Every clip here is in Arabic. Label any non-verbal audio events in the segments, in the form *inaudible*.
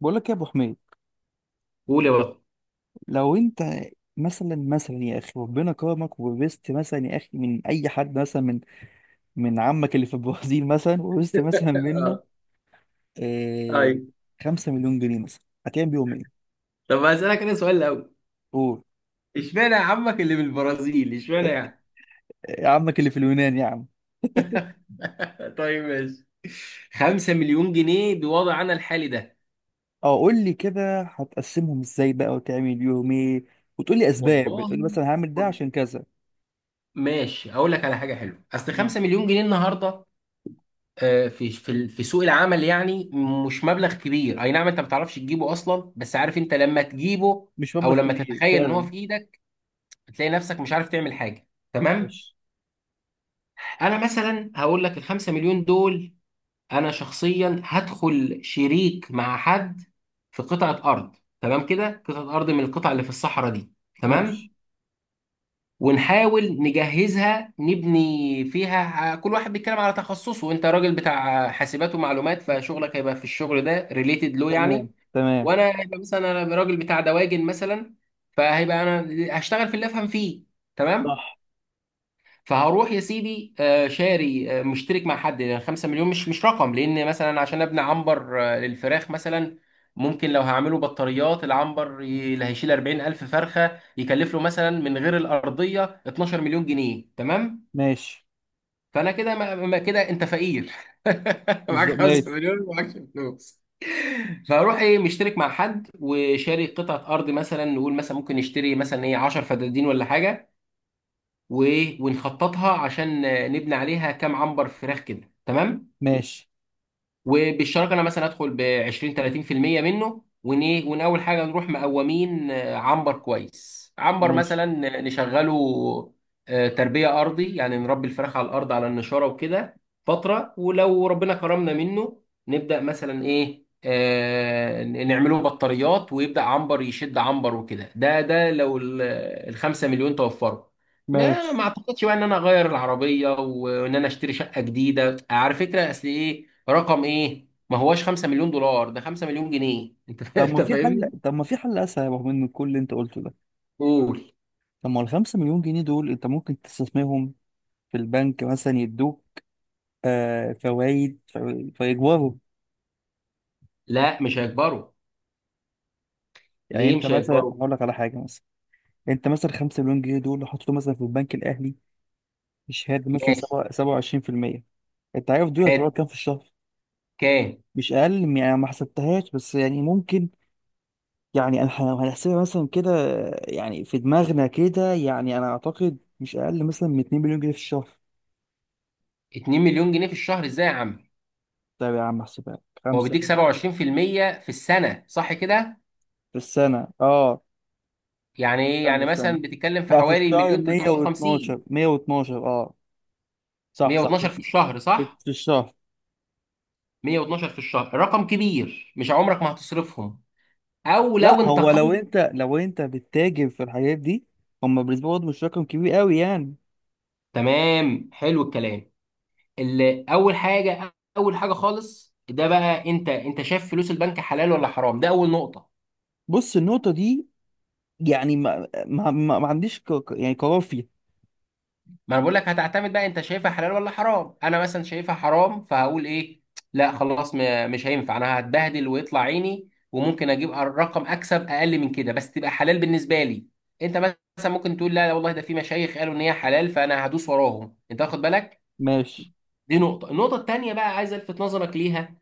بقول لك يا ابو حميد، قول يا بطل. لو انت مثلا يا اخي ربنا كرمك وورثت مثلا يا اخي من اي حد، مثلا من عمك اللي في البرازيل، مثلا ورثت مثلا منه اه. آه ايوه. 5 مليون جنيه، مثلا هتعمل بيهم ايه؟ طب هسألك انا سؤال الاول. قول. اشمعنى يا عمك اللي بالبرازيل، اشمعنى يعني؟ آه، عمك اللي في اليونان يا عم. *laughs* طيب ماشي. 5 مليون جنيه بوضعنا الحالي ده؟ اه، قول لي كده هتقسمهم ازاي بقى وتعمل بيهم ايه؟ وتقول لي اسباب، والله بتقول لي مثلا هعمل ده خد. عشان كذا. ماشي اقول لك على حاجه حلوه. اصل مم. 5 مليون جنيه النهارده في سوق العمل يعني، مش مبلغ كبير. اي نعم، انت ما بتعرفش تجيبه اصلا، بس عارف انت لما تجيبه مش او مبلغ لما كبير تتخيل ان هو فعلا. في ايدك، بتلاقي نفسك مش عارف تعمل حاجه. تمام. ماشي انا مثلا هقول لك ال 5 مليون دول، انا شخصيا هدخل شريك مع حد في قطعه ارض. تمام كده، قطعه ارض من القطع اللي في الصحراء دي. ماشي. تمام. ونحاول نجهزها، نبني فيها. كل واحد بيتكلم على تخصصه، وانت راجل بتاع حاسبات ومعلومات فشغلك هيبقى في الشغل ده ريليتد له يعني. تمام تمام. وانا هيبقى مثلا انا راجل بتاع دواجن مثلا، فهيبقى انا هشتغل في اللي افهم فيه. تمام. صح. فهروح يا سيدي شاري، مشترك مع حد، لان 5 مليون مش رقم. لان مثلا عشان ابني عنبر للفراخ مثلا، ممكن لو هعمله بطاريات، العنبر اللي هيشيل 40,000 فرخه يكلف له مثلا من غير الارضيه 12 مليون جنيه. تمام. ماشي. فانا كده كده انت فقير. *laughs* معاك بالظبط. 5 ماشي مليون ومعاكش فلوس. فاروح ايه مشترك مع حد وشاري قطعه ارض، مثلا نقول مثلا ممكن نشتري مثلا ايه، 10 فدادين ولا حاجه، و- ونخططها عشان نبني عليها كام عنبر فراخ كده. تمام. ماشي وبالشراكه انا مثلا ادخل ب 20 30% منه. ون إيه؟ ون اول حاجه نروح مقومين عنبر كويس، عنبر مثلا ماشي نشغله تربيه ارضي، يعني نربي الفراخ على الارض على النشاره وكده فتره، ولو ربنا كرمنا منه نبدا مثلا ايه، نعمله بطاريات، ويبدا عنبر يشد عنبر وكده. ده لو الخمسة مليون توفروا، ما ماشي. ما اعتقدش بقى ان انا اغير العربيه وان انا اشتري شقه جديده. على فكره اصل ايه، رقم ايه، ما هواش 5 مليون دولار، ده 5 مليون جنيه. *laughs* انت فاهمني. طب ما في حل اسهل، رغم من كل اللي انت قلته ده. قول. طب ما الخمسة مليون جنيه دول انت ممكن تستثمرهم في البنك، مثلا يدوك فوائد، فيكبروا. لا مش هيكبروا. يعني ليه انت مش مثلا هيكبروا؟ هقول لك على حاجة. مثلا انت مثلا 5 مليون جنيه دول حطيتهم مثلا في البنك الاهلي بشهادة مثلا ماشي. 27%. انت عارف دول هتروح حلو. كام في الشهر؟ كام؟ مش اقل من- يعني ما حسبتهاش، بس يعني ممكن. يعني لو هنحسبها مثلا كده، يعني في دماغنا كده، يعني انا اعتقد مش اقل مثلا من 2 مليون جنيه في الشهر. 2 مليون جنيه في الشهر ازاي يا عم؟ طيب يا عم احسبها لك. هو خمسة بيديك 27% في المية في السنة صح كده؟ في السنة، اه. يعني ايه استنى يعني؟ استنى. مثلا بتتكلم في لا، في حوالي الشهر مليون 112، 350. 112، اه. صح صح. 112 في في الشهر صح. في الشهر. 112 في الشهر رقم كبير، مش عمرك ما هتصرفهم، او لا، لو هو لو انتقلت. انت لو انت بتتاجر في الحاجات دي، هم بالنسبة لهم مش رقم كبير قوي يعني. تمام حلو الكلام. اللي اول حاجه، اول حاجه خالص ده بقى، انت شايف فلوس البنك حلال ولا حرام؟ ده اول نقطه. بص، النقطة دي يعني ما عنديش يعني قرار فيها. ما انا بقول لك هتعتمد بقى انت شايفها حلال ولا حرام. انا مثلا شايفها حرام، فهقول ايه؟ لا خلاص، مش هينفع. انا هتبهدل ويطلع عيني، وممكن اجيب رقم اكسب اقل من كده بس تبقى حلال بالنسبه لي. انت مثلا ممكن تقول لا لا والله، ده في مشايخ قالوا ان هي حلال، فانا هدوس وراهم. انت واخد بالك؟ ماشي. دي نقطه. النقطه التانيه بقى عايز الفت نظرك ليها،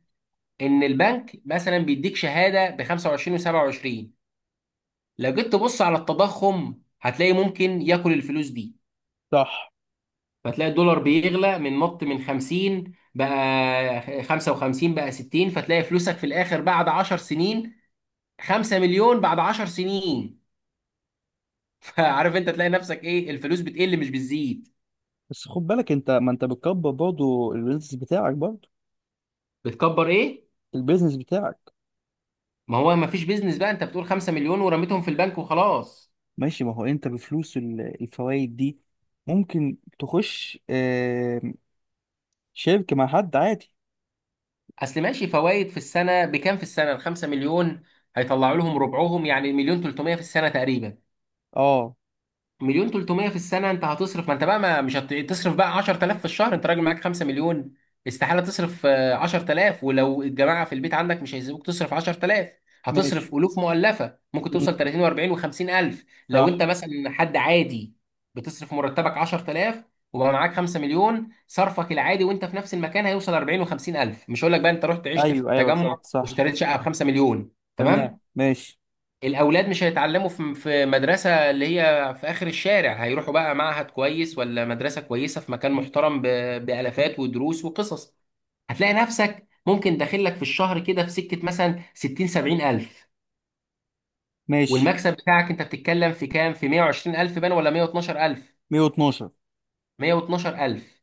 ان البنك مثلا بيديك شهاده ب 25 و27، لو جيت تبص على التضخم هتلاقي ممكن ياكل الفلوس دي. صح. فتلاقي الدولار بيغلى، من نط من 50 بقى 55 بقى 60، فتلاقي فلوسك في الاخر بعد 10 سنين، 5 مليون بعد 10 سنين. *laughs* فعارف انت تلاقي نفسك ايه، الفلوس بتقل مش بتزيد. بس خد بالك، انت ما انت بتكبر برضه البيزنس بتاعك، برضه بتكبر ايه؟ البيزنس بتاعك. ما هو ما فيش بيزنس بقى، انت بتقول 5 مليون ورميتهم في البنك وخلاص. ماشي. ما هو انت بفلوس الفوائد دي ممكن تخش شركة مع حد عادي. اصل ماشي، فوائد في السنه بكام؟ في السنه ال 5 مليون هيطلعوا لهم ربعهم، يعني مليون 300 في السنه تقريبا. اه. مليون 300 في السنة انت هتصرف، ما انت بقى ما مش تصرف بقى 10,000 في الشهر. انت راجل معاك 5 مليون، استحالة تصرف 10,000. ولو الجماعة في البيت عندك مش هيسيبوك تصرف 10,000. ماشي. هتصرف ألوف مؤلفة، ممكن مم. توصل 30 و40 و50 ألف لو صح. انت مثلا حد عادي. بتصرف مرتبك 10,000، وبقى معاك 5 مليون، صرفك العادي وانت في نفس المكان هيوصل 40 و50 ألف. مش هقول لك بقى انت رحت عشت في ايوه ايوه. التجمع صح صح. واشتريت شقة ب 5 مليون. تمام. تمام. ماشي الاولاد مش هيتعلموا في مدرسه اللي هي في اخر الشارع، هيروحوا بقى معهد كويس ولا مدرسه كويسه في مكان محترم، بالافات ودروس وقصص. هتلاقي نفسك ممكن داخل لك في الشهر كده في سكه مثلا 60 70 الف، ماشي. والمكسب بتاعك انت بتتكلم في كام، في 120 الف بان ولا 112 الف؟ 112. 112 الف.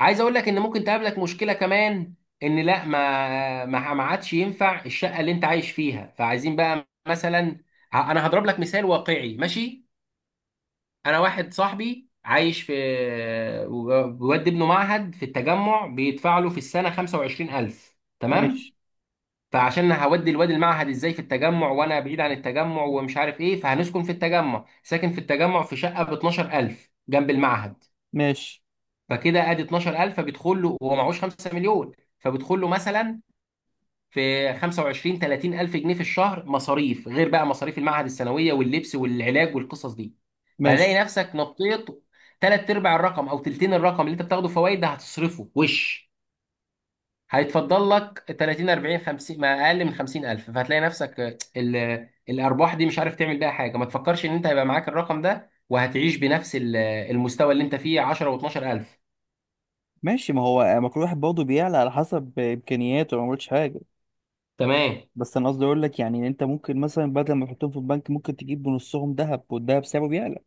عايز اقول لك ان ممكن تقابلك مشكله كمان، ان لا ما عادش ينفع الشقه اللي انت عايش فيها، فعايزين بقى مثلا. انا هضرب لك مثال واقعي ماشي. انا واحد صاحبي عايش في، بيودي ابنه معهد في التجمع، بيدفع له في السنه 25,000. تمام. ماشي فعشان هودي الواد المعهد ازاي في التجمع وانا بعيد عن التجمع ومش عارف ايه، فهنسكن في التجمع. ساكن في التجمع في شقه ب 12,000 جنب المعهد، ماشي فكده ادي 12,000. فبيدخل له، هو معهوش 5 مليون، فبيدخل له مثلا في 25 30 الف جنيه في الشهر مصاريف، غير بقى مصاريف المعهد الثانويه واللبس والعلاج والقصص دي. فهتلاقي ماشي نفسك نطيت ثلاث ارباع الرقم او تلتين الرقم اللي انت بتاخده فوائد ده، هتصرفه وش. هيتفضل لك 30 40 50، ما اقل من 50 الف. فهتلاقي نفسك الارباح دي مش عارف تعمل بيها حاجه. ما تفكرش ان انت هيبقى معاك الرقم ده وهتعيش بنفس المستوى اللي انت فيه، 10 و12 الف. ماشي. ما هو، ما كل واحد برضه بيعلى على حسب امكانياته، ما قلتش حاجة. تمام. بس انا قصدي اقول لك يعني إن انت ممكن مثلا بدل ما تحطهم في البنك ممكن تجيب بنصهم ذهب، والذهب سعره بيعلى.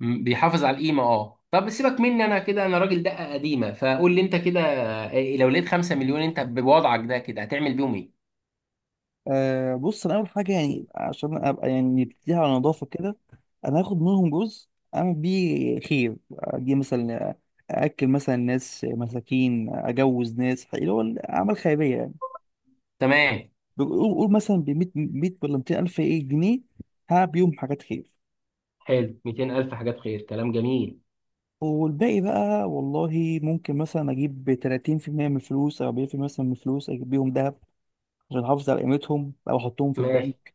بيحافظ على القيمه اه. طب سيبك مني انا، كده انا راجل دقه قديمه. فقول لي انت كده، إيه، لو لقيت 5 مليون انت بوضعك ده كده هتعمل بيهم ايه؟ أه، بص، انا اول حاجه يعني عشان ابقى، يعني نبتديها على نظافه كده. انا هاخد منهم جزء، اعمل بيه خير. اجي مثلا اكل مثلا ناس مساكين، اجوز ناس، اللي هو اعمال خيريه يعني. تمام. قول مثلا ب 100، 100 ولا 200 الف، ايه، جنيه، هعمل بيهم حاجات خير. حلو. 200 الف حاجات خير، كلام جميل. والباقي بقى والله، ممكن مثلا اجيب 30% من الفلوس او 40% مثلا من الفلوس، اجيب بيهم ذهب عشان احافظ على قيمتهم، او احطهم في ماشي. البنك.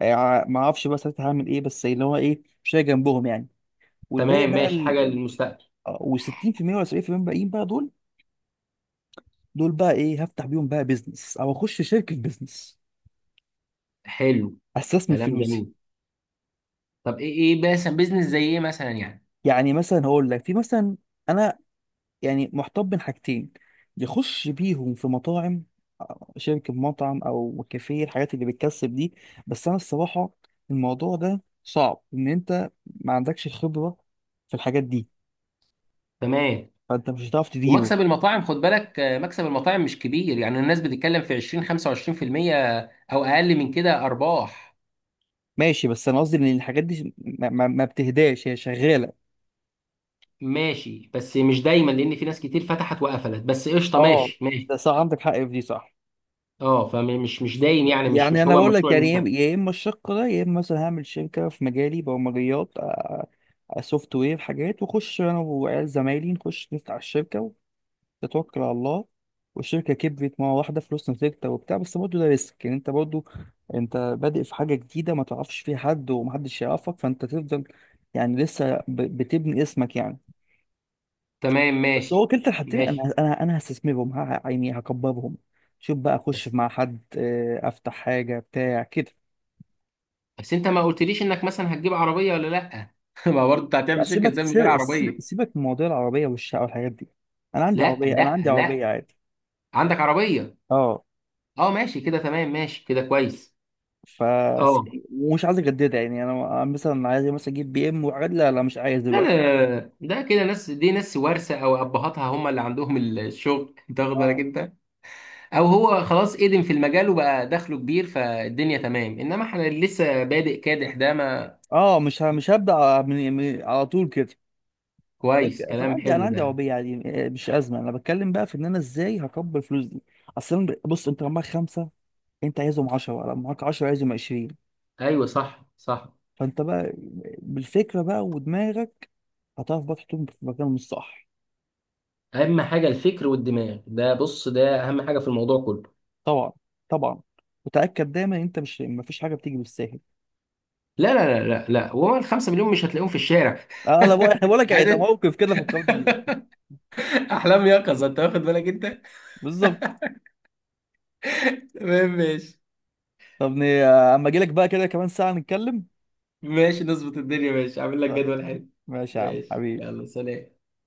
ما اعرفش بقى ساعتها هعمل ايه، بس اللي هو ايه مش هي جنبهم يعني. والباقي تمام بقى ماشي. حاجه للمستقبل. و60% ولا 70% باقيين بقى، دول. دول بقى ايه؟ هفتح بيهم بقى بيزنس، او اخش شركه بيزنس، حلو. استثمر كلام فلوسي. جميل. طب ايه، ايه مثلا بيزنس زي ايه مثلا يعني؟ يعني مثلا هقول لك في مثلا، انا يعني محتار بين حاجتين. يخش بيهم في مطاعم، شركه مطعم او كافيه، الحاجات اللي بتكسب دي. بس انا الصراحه، الموضوع ده صعب ان انت ما عندكش خبره في الحاجات دي، تمام. فانت مش هتعرف تديره. ومكسب المطاعم خد بالك مكسب المطاعم مش كبير، يعني الناس بتتكلم في 20 25% او اقل من كده ارباح. ماشي. بس انا قصدي ان الحاجات دي ما بتهداش، هي شغاله. ماشي بس مش دايما، لان في ناس كتير فتحت وقفلت، بس قشطه، اه، ماشي ده ماشي. صح، عندك حق في دي، صح. اه فمش مش دايم يعني، مش يعني مش انا هو بقول لك، مشروع يعني يا المستقبل. يا اما الشق ده، يا اما مثلا هعمل شركه في مجالي، برمجيات، سوفت وير، حاجات، واخش انا وعيال زمايلي نخش نفتح الشركه وتتوكل على الله، والشركه كبرت مره واحده، فلوسنا ثابته وبتاع، بس برضه ده ريسك. يعني انت برضه انت بادئ في حاجه جديده ما تعرفش فيها حد ومحدش يعرفك، فانت تفضل يعني لسه بتبني اسمك يعني. تمام بس هو ماشي كلتا الحالتين، انا ماشي. انا انا هستثمرهم، يعني هكبرهم. شوف بقى اخش بس مع حد، افتح حاجه بتاع كده. بس انت ما قلتليش انك مثلا هتجيب عربيه ولا لا؟ *laughs* ما برضه انت لا، هتعمل شركه سيبك، ازاي من غير عربيه؟ سيبك من موضوع العربيه والشقه والحاجات دي. انا عندي لا عربيه انا عندي لا لا، عربيه عادي. عندك عربيه؟ اه. اه ماشي كده. تمام ماشي كده كويس. ف اه. ومش عايز اجددها، يعني انا مثلا عايز مثلا اجيب بي ام وحاجات، لا لا، مش عايز لا لا دلوقتي. لا، لا. ده كده ناس، دي ناس وارثه او ابهاتها هم اللي عندهم الشغل. *laughs* انت واخد اه بالك انت، او هو خلاص قدم في المجال وبقى دخله كبير فالدنيا تمام. انما احنا اللي لسه بادئ كادح ده، ما. اه، مش هبدا على طول كده. كويس فانا كلام عندي انا حلو عندي ده. عربيه عادي، مش ازمه. انا بتكلم بقى في ان انا ازاي هكبر الفلوس دي اصلا. بص، انت معاك خمسه، انت عايزهم 10، معاك 10 عايزهم 20. ايوه صح صح. فانت بقى بالفكره بقى ودماغك هتعرف بقى تحطهم في مكانهم الصح. اهم حاجه الفكر والدماغ ده. بص ده اهم حاجه في الموضوع كله. طبعا طبعا. وتاكد دايما ان انت مش، مفيش حاجه بتيجي بالساهل. لا لا لا لا لا، وهو الخمسة مليون مش هتلاقيهم في الشارع. *laughs* اه، انا بقول لك يعني ده عايز موقف كده فكرت بيه. احلام يقظه، انت واخد بالك انت؟ بالظبط. تمام ماشي. طب اما اجي لك بقى كده كمان ساعه نتكلم. ماشي نظبط الدنيا. ماشي عامل لك طيب، جدول حلو. ماشي يا عم ماشي حبيبي. يلا سلام.